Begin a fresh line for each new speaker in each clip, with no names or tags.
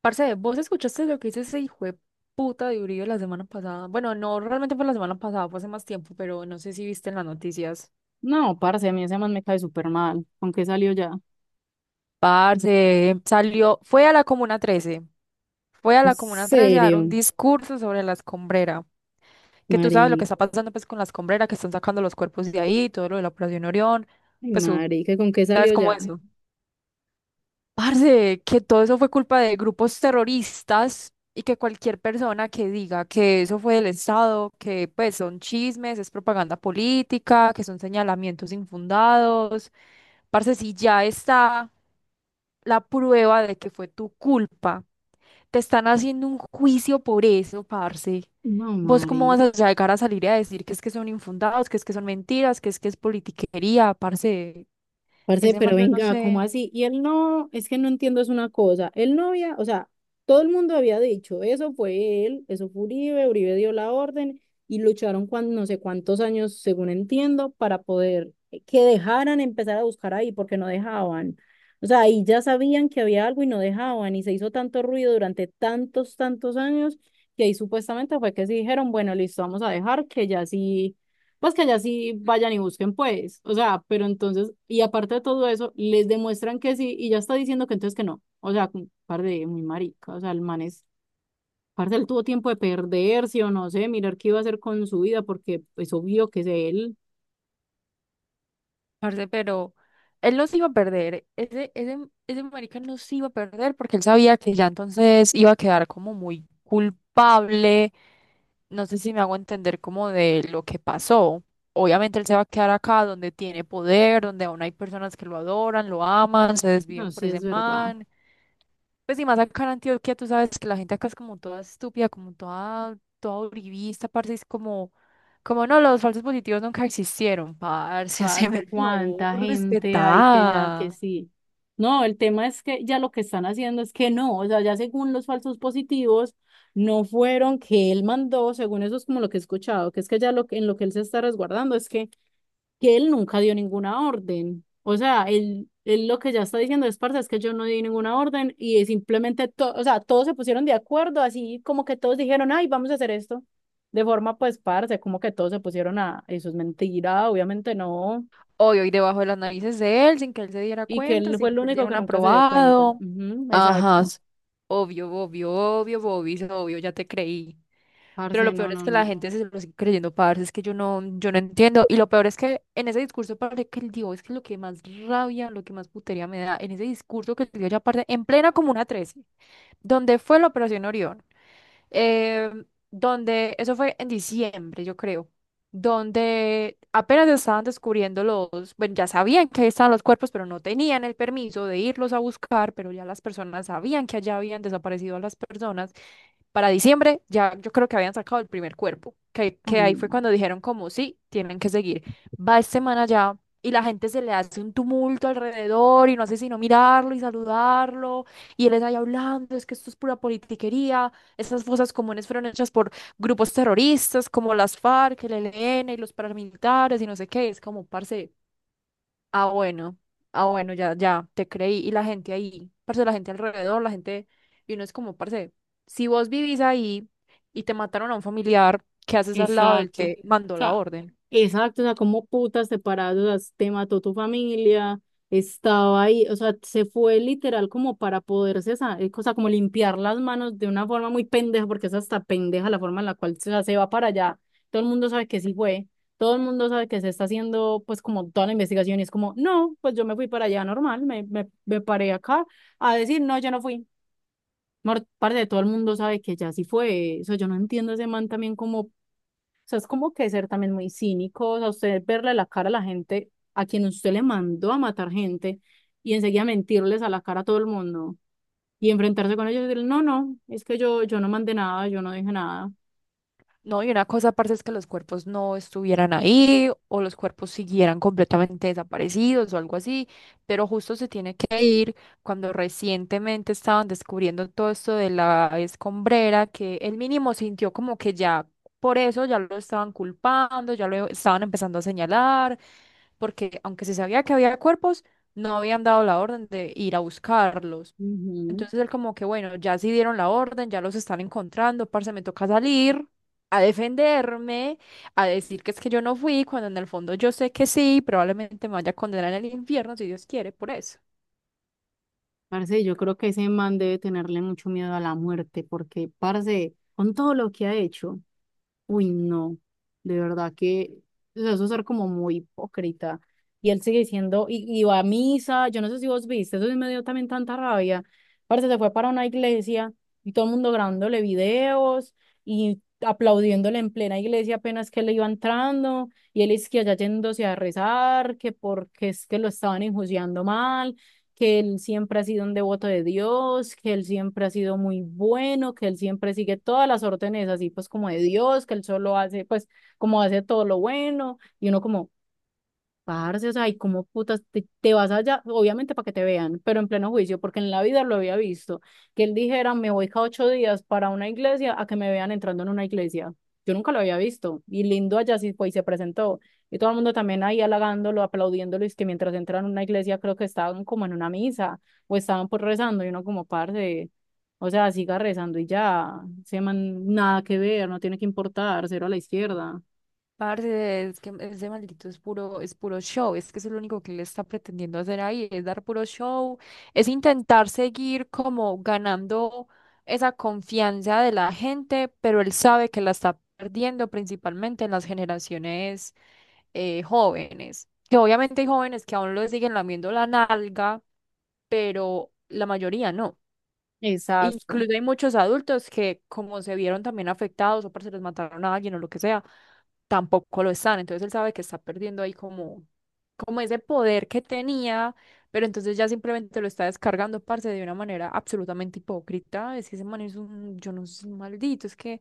Parce, ¿vos escuchaste lo que dice ese hijo de puta de Uribe la semana pasada? Bueno, no, realmente fue la semana pasada, fue hace más tiempo, pero no sé si viste en las noticias.
No, parce, a mí ese man me cae súper mal. ¿Con qué salió ya?
Parce, salió, fue a la Comuna 13, fue a
¿En
la Comuna 13 a dar un
serio,
discurso sobre la escombrera, que tú sabes lo que
Mari?
está pasando pues con la escombrera, que están sacando los cuerpos de ahí, todo lo de la Operación Orión,
Ay,
pues tú
Mari, ¿que con qué
sabes
salió
cómo
ya?
es. Parce, que todo eso fue culpa de grupos terroristas y que cualquier persona que diga que eso fue del Estado, que pues son chismes, es propaganda política, que son señalamientos infundados. Parce, si ya está la prueba de que fue tu culpa, te están haciendo un juicio por eso, parce.
No,
¿Vos cómo vas
Mari.
a llegar a salir a decir que es que son infundados, que es que son mentiras, que es politiquería, parce?
Parce,
Ese man,
pero
yo no
venga, ¿cómo
sé.
así? Y él no, es que no entiendo, es una cosa. Él no había, o sea, todo el mundo había dicho, eso fue él, eso fue Uribe, Uribe dio la orden y lucharon cuando, no sé cuántos años, según entiendo, para poder que dejaran empezar a buscar ahí, porque no dejaban. O sea, ahí ya sabían que había algo y no dejaban, y se hizo tanto ruido durante tantos, tantos años, que ahí supuestamente fue que sí dijeron, bueno, listo, vamos a dejar que ya sí pues que allá sí vayan y busquen, pues. O sea, pero entonces, y aparte de todo eso, les demuestran que sí, y ya está diciendo que entonces que no. O sea, como, par de muy marica. O sea, el man es, parte él tuvo tiempo de perderse o no sé, mirar qué iba a hacer con su vida, porque es obvio que es él.
Parce, pero él los iba a perder. Ese marica los iba a perder porque él sabía que ya entonces iba a quedar como muy culpable. No sé si me hago entender como de lo que pasó. Obviamente él se va a quedar acá donde tiene poder, donde aún hay personas que lo adoran, lo aman, se
No,
desvían por
sí
ese
es verdad.
man. Pues y más acá en Antioquia, tú sabes que la gente acá es como toda estúpida, como toda uribista, parce, es como, como no, los falsos positivos nunca existieron, parce, haceme
Parce,
el favor,
cuánta gente hay que ya que
respetá.
sí. No, el tema es que ya lo que están haciendo es que no, o sea, ya según los falsos positivos, no fueron que él mandó, según eso es como lo que he escuchado, que es que ya lo que en lo que él se está resguardando es que él nunca dio ninguna orden. O sea, él lo que ya está diciendo es, parce, es que yo no di ninguna orden y es simplemente, o sea, todos se pusieron de acuerdo, así como que todos dijeron, ay, vamos a hacer esto. De forma, pues, parce, como que todos se pusieron a, eso es mentira, obviamente no.
Obvio, y debajo de las narices de él, sin que él se diera
Y que
cuenta,
él
sin
fue
que
el
él
único
diera un
que nunca se dio cuenta.
aprobado.
Ujú,
Ajá,
exacto.
obvio, ya te creí.
Parce,
Pero lo
no,
peor es
no,
que la
no.
gente se lo sigue creyendo, parce, es que yo no entiendo. Y lo peor es que en ese discurso, parce, que el tío es que lo que más rabia, lo que más putería me da, en ese discurso que el tío ya parte, en plena Comuna 13, donde fue la Operación Orión, eh, donde, eso fue en diciembre, yo creo, donde apenas estaban descubriendo los, bueno, ya sabían que ahí estaban los cuerpos, pero no tenían el permiso de irlos a buscar, pero ya las personas sabían que allá habían desaparecido a las personas para diciembre ya yo creo que habían sacado el primer cuerpo,
Ay,
que ahí fue
no.
cuando dijeron como, sí, tienen que seguir. Va esta semana ya y la gente se le hace un tumulto alrededor y no hace sino mirarlo y saludarlo y él está ahí hablando, es que esto es pura politiquería, estas fosas comunes fueron hechas por grupos terroristas como las FARC, el ELN y los paramilitares y no sé qué, es como, parce, ah, bueno, bueno, ya, te creí. Y la gente ahí, parce, la gente alrededor, la gente, y uno es como, parce, si vos vivís ahí y te mataron a un familiar, ¿qué haces al lado del
Exacto. O
que mandó la
sea,
orden?
exacto. O sea, como putas separados, o sea, te mató tu familia, estaba ahí. O sea, se fue literal como para poderse, o sea, como limpiar las manos de una forma muy pendeja, porque es hasta pendeja la forma en la cual se, o sea, se va para allá. Todo el mundo sabe que sí fue. Todo el mundo sabe que se está haciendo, pues, como toda la investigación. Y es como, no, pues yo me fui para allá normal, me paré acá a decir, no, yo no fui. Parce, todo el mundo sabe que ya sí fue. O sea, yo no entiendo ese man también como, o sea, es como que ser también muy cínico, o sea, usted verle la cara a la gente a quien usted le mandó a matar gente y enseguida mentirles a la cara a todo el mundo y enfrentarse con ellos y decir, no, no, es que yo no mandé nada, yo no dije nada.
No, y una cosa, aparte es que los cuerpos no estuvieran ahí o los cuerpos siguieran completamente desaparecidos o algo así, pero justo se tiene que ir cuando recientemente estaban descubriendo todo esto de la escombrera, que él mínimo sintió como que ya por eso ya lo estaban culpando, ya lo estaban empezando a señalar, porque aunque se sabía que había cuerpos, no habían dado la orden de ir a buscarlos.
Ujú.
Entonces él como que, bueno, ya sí dieron la orden, ya los están encontrando, parce, me toca salir a defenderme, a decir que es que yo no fui, cuando en el fondo yo sé que sí, probablemente me vaya a condenar en el infierno si Dios quiere, por eso.
Parce, yo creo que ese man debe tenerle mucho miedo a la muerte porque, parce, con todo lo que ha hecho. Uy, no, de verdad que, o sea, eso es ser como muy hipócrita. Y él sigue diciendo, y va a misa, yo no sé si vos viste, eso sí me dio también tanta rabia. Parece se fue para una iglesia y todo el mundo grabándole videos y aplaudiéndole en plena iglesia apenas que le iba entrando, y él es que allá yéndose a rezar, que porque es que lo estaban enjuiciando mal, que él siempre ha sido un devoto de Dios, que él siempre ha sido muy bueno, que él siempre sigue todas las órdenes así pues como de Dios, que él solo hace pues como hace todo lo bueno y uno como, parce, o sea, ¿y cómo putas te vas allá? Obviamente para que te vean, pero en pleno juicio, porque en la vida lo había visto. Que él dijera, me voy cada ocho días para una iglesia a que me vean entrando en una iglesia. Yo nunca lo había visto. Y lindo allá sí fue y se presentó. Y todo el mundo también ahí halagándolo, aplaudiéndolo. Y es que mientras entran en una iglesia, creo que estaban como en una misa o estaban por rezando. Y uno como, parce, o sea, siga rezando y ya. Se man, nada que ver, no tiene que importar, cero a la izquierda.
Parce, es que ese maldito es puro show, es que eso es lo único que él está pretendiendo hacer ahí, es dar puro show, es intentar seguir como ganando esa confianza de la gente, pero él sabe que la está perdiendo principalmente en las generaciones jóvenes, que obviamente hay jóvenes que aún lo siguen lamiendo la nalga, pero la mayoría no.
Exacto.
Incluso hay muchos adultos que, como se vieron también afectados o porque se les mataron a alguien o lo que sea, tampoco lo están. Entonces él sabe que está perdiendo ahí como ese poder que tenía, pero entonces ya simplemente lo está descargando, parce, de una manera absolutamente hipócrita. Es que ese man es un, yo no sé, un maldito, es que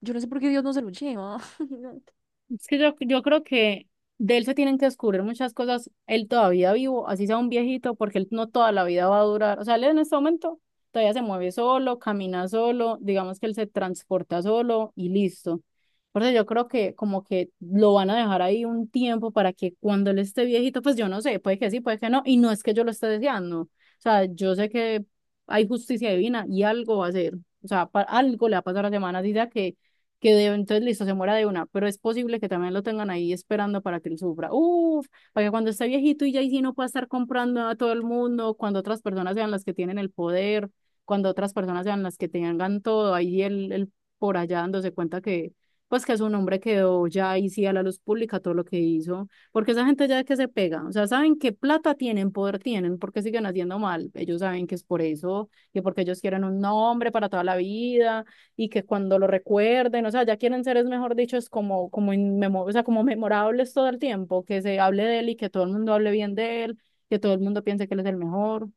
yo no sé por qué Dios no se lo lleva.
Es que yo creo que de él se tienen que descubrir muchas cosas. Él todavía vivo, así sea un viejito, porque él no toda la vida va a durar. O sea, él en este momento todavía se mueve solo, camina solo, digamos que él se transporta solo y listo. Por eso yo creo que como que lo van a dejar ahí un tiempo para que cuando él esté viejito, pues yo no sé, puede que sí, puede que no. Y no es que yo lo esté deseando. O sea, yo sé que hay justicia divina y algo va a ser. O sea, algo le va a pasar a la semana, diga que entonces listo, se muera de una, pero es posible que también lo tengan ahí esperando para que él sufra. Uf, para que cuando esté viejito y ya ahí sí no pueda estar comprando a todo el mundo, cuando otras personas sean las que tienen el poder, cuando otras personas sean las que tengan todo, ahí él por allá dándose cuenta que, pues que su nombre quedó ya ahí sí a la luz pública todo lo que hizo, porque esa gente ya que se pega, o sea, saben que plata tienen, poder tienen, porque siguen haciendo mal, ellos saben que es por eso, que porque ellos quieren un nombre para toda la vida y que cuando lo recuerden, o sea, ya quieren ser, es mejor dicho, es como, como, o sea, como memorables todo el tiempo, que se hable de él y que todo el mundo hable bien de él, que todo el mundo piense que él es el mejor.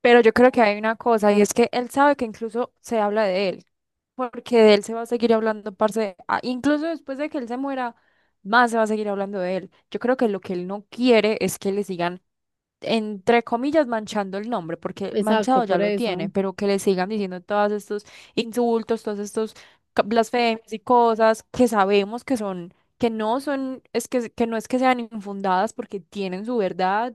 Pero yo creo que hay una cosa y es que él sabe que incluso se habla de él, porque de él se va a seguir hablando, parce, incluso después de que él se muera, más se va a seguir hablando de él. Yo creo que lo que él no quiere es que le sigan, entre comillas, manchando el nombre, porque
Exacto,
manchado ya
por
lo
eso.
tiene, pero que le sigan diciendo todos estos insultos, todos estos blasfemias y cosas que sabemos que son, que no son, que no es que sean infundadas porque tienen su verdad,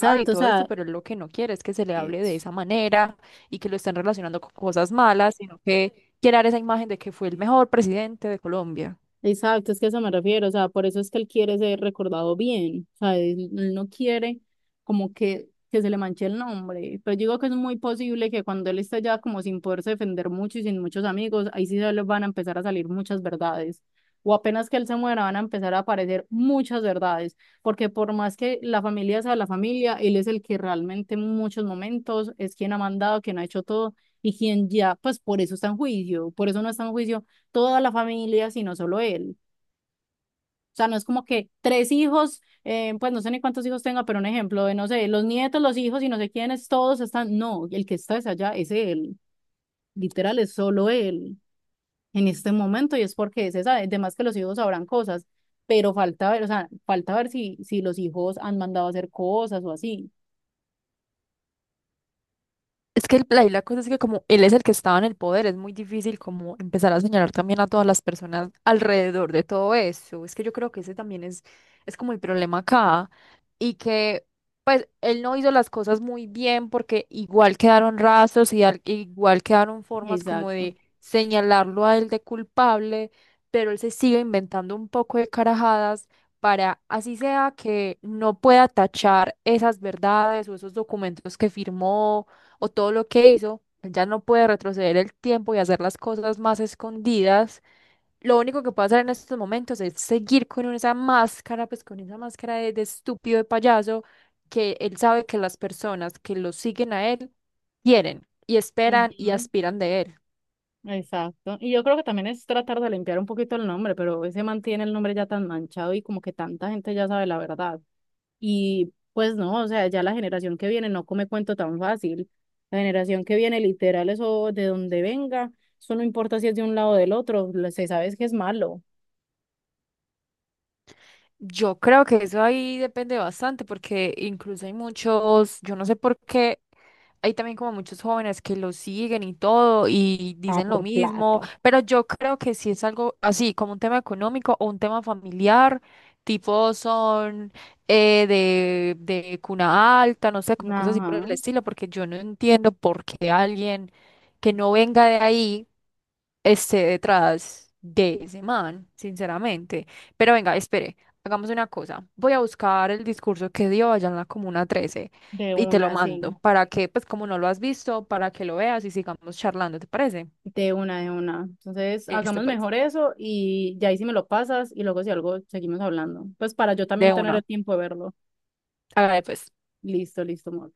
ah, y
o
todo esto,
sea,
pero él lo que no quiere es que se le hable de
es-
esa manera y que lo estén relacionando con cosas malas, sino que quiere dar esa imagen de que fue el mejor presidente de Colombia.
exacto, es que a eso me refiero, o sea, por eso es que él quiere ser recordado bien, o sea, él no quiere como que se le manche el nombre, pero yo digo que es muy posible que cuando él esté ya como sin poderse defender mucho y sin muchos amigos, ahí sí se les van a empezar a salir muchas verdades, o apenas que él se muera van a empezar a aparecer muchas verdades, porque por más que la familia sea la familia, él es el que realmente en muchos momentos es quien ha mandado, quien ha hecho todo y quien ya, pues por eso está en juicio, por eso no está en juicio toda la familia, sino solo él. O sea, no es como que tres hijos, pues no sé ni cuántos hijos tenga, pero un ejemplo de, no sé, los nietos, los hijos y no sé quiénes, todos están, no, el que está es allá, es él, literal, es solo él en este momento y es porque es esa, además que los hijos sabrán cosas, pero falta ver, o sea, falta ver si los hijos han mandado a hacer cosas o así.
Es que y la cosa es que como él es el que estaba en el poder, es muy difícil como empezar a señalar también a todas las personas alrededor de todo eso. Es que yo creo que ese también es como el problema acá y que pues él no hizo las cosas muy bien porque igual quedaron rastros y igual quedaron formas como
Exacto.
de señalarlo a él de culpable, pero él se sigue inventando un poco de carajadas para así sea que no pueda tachar esas verdades o esos documentos que firmó o todo lo que hizo, él ya no puede retroceder el tiempo y hacer las cosas más escondidas. Lo único que puede hacer en estos momentos es seguir con esa máscara, pues con esa máscara de estúpido, de payaso, que él sabe que las personas que lo siguen a él quieren y esperan y
Ujú,
aspiran de él.
exacto. Y yo creo que también es tratar de limpiar un poquito el nombre, pero ese mantiene el nombre ya tan manchado y como que tanta gente ya sabe la verdad. Y pues no, o sea, ya la generación que viene no come cuento tan fácil. La generación que viene, literal, eso de donde venga, eso no importa si es de un lado o del otro, se sabe es que es malo.
Yo creo que eso ahí depende bastante, porque incluso hay muchos, yo no sé por qué, hay también como muchos jóvenes que lo siguen y todo y
Ah,
dicen lo
por
mismo,
plata.
pero yo creo que si es algo así, como un tema económico o un tema familiar, tipo son de cuna alta, no sé, como cosas así por el
Ajá,
estilo, porque yo no entiendo por qué alguien que no venga de ahí esté detrás de ese man, sinceramente. Pero venga, espere. Hagamos una cosa, voy a buscar el discurso que dio allá en la Comuna 13
de
y te lo
una,
mando
sí,
para que, pues como no lo has visto, para que lo veas y sigamos charlando, ¿te parece?
de una, de una. Entonces,
Listo,
hagamos
pues,
mejor eso y ya ahí si me lo pasas y luego si algo seguimos hablando. Pues para yo también
de
tener el
una.
tiempo de verlo.
Hágale pues.
Listo, listo, amor.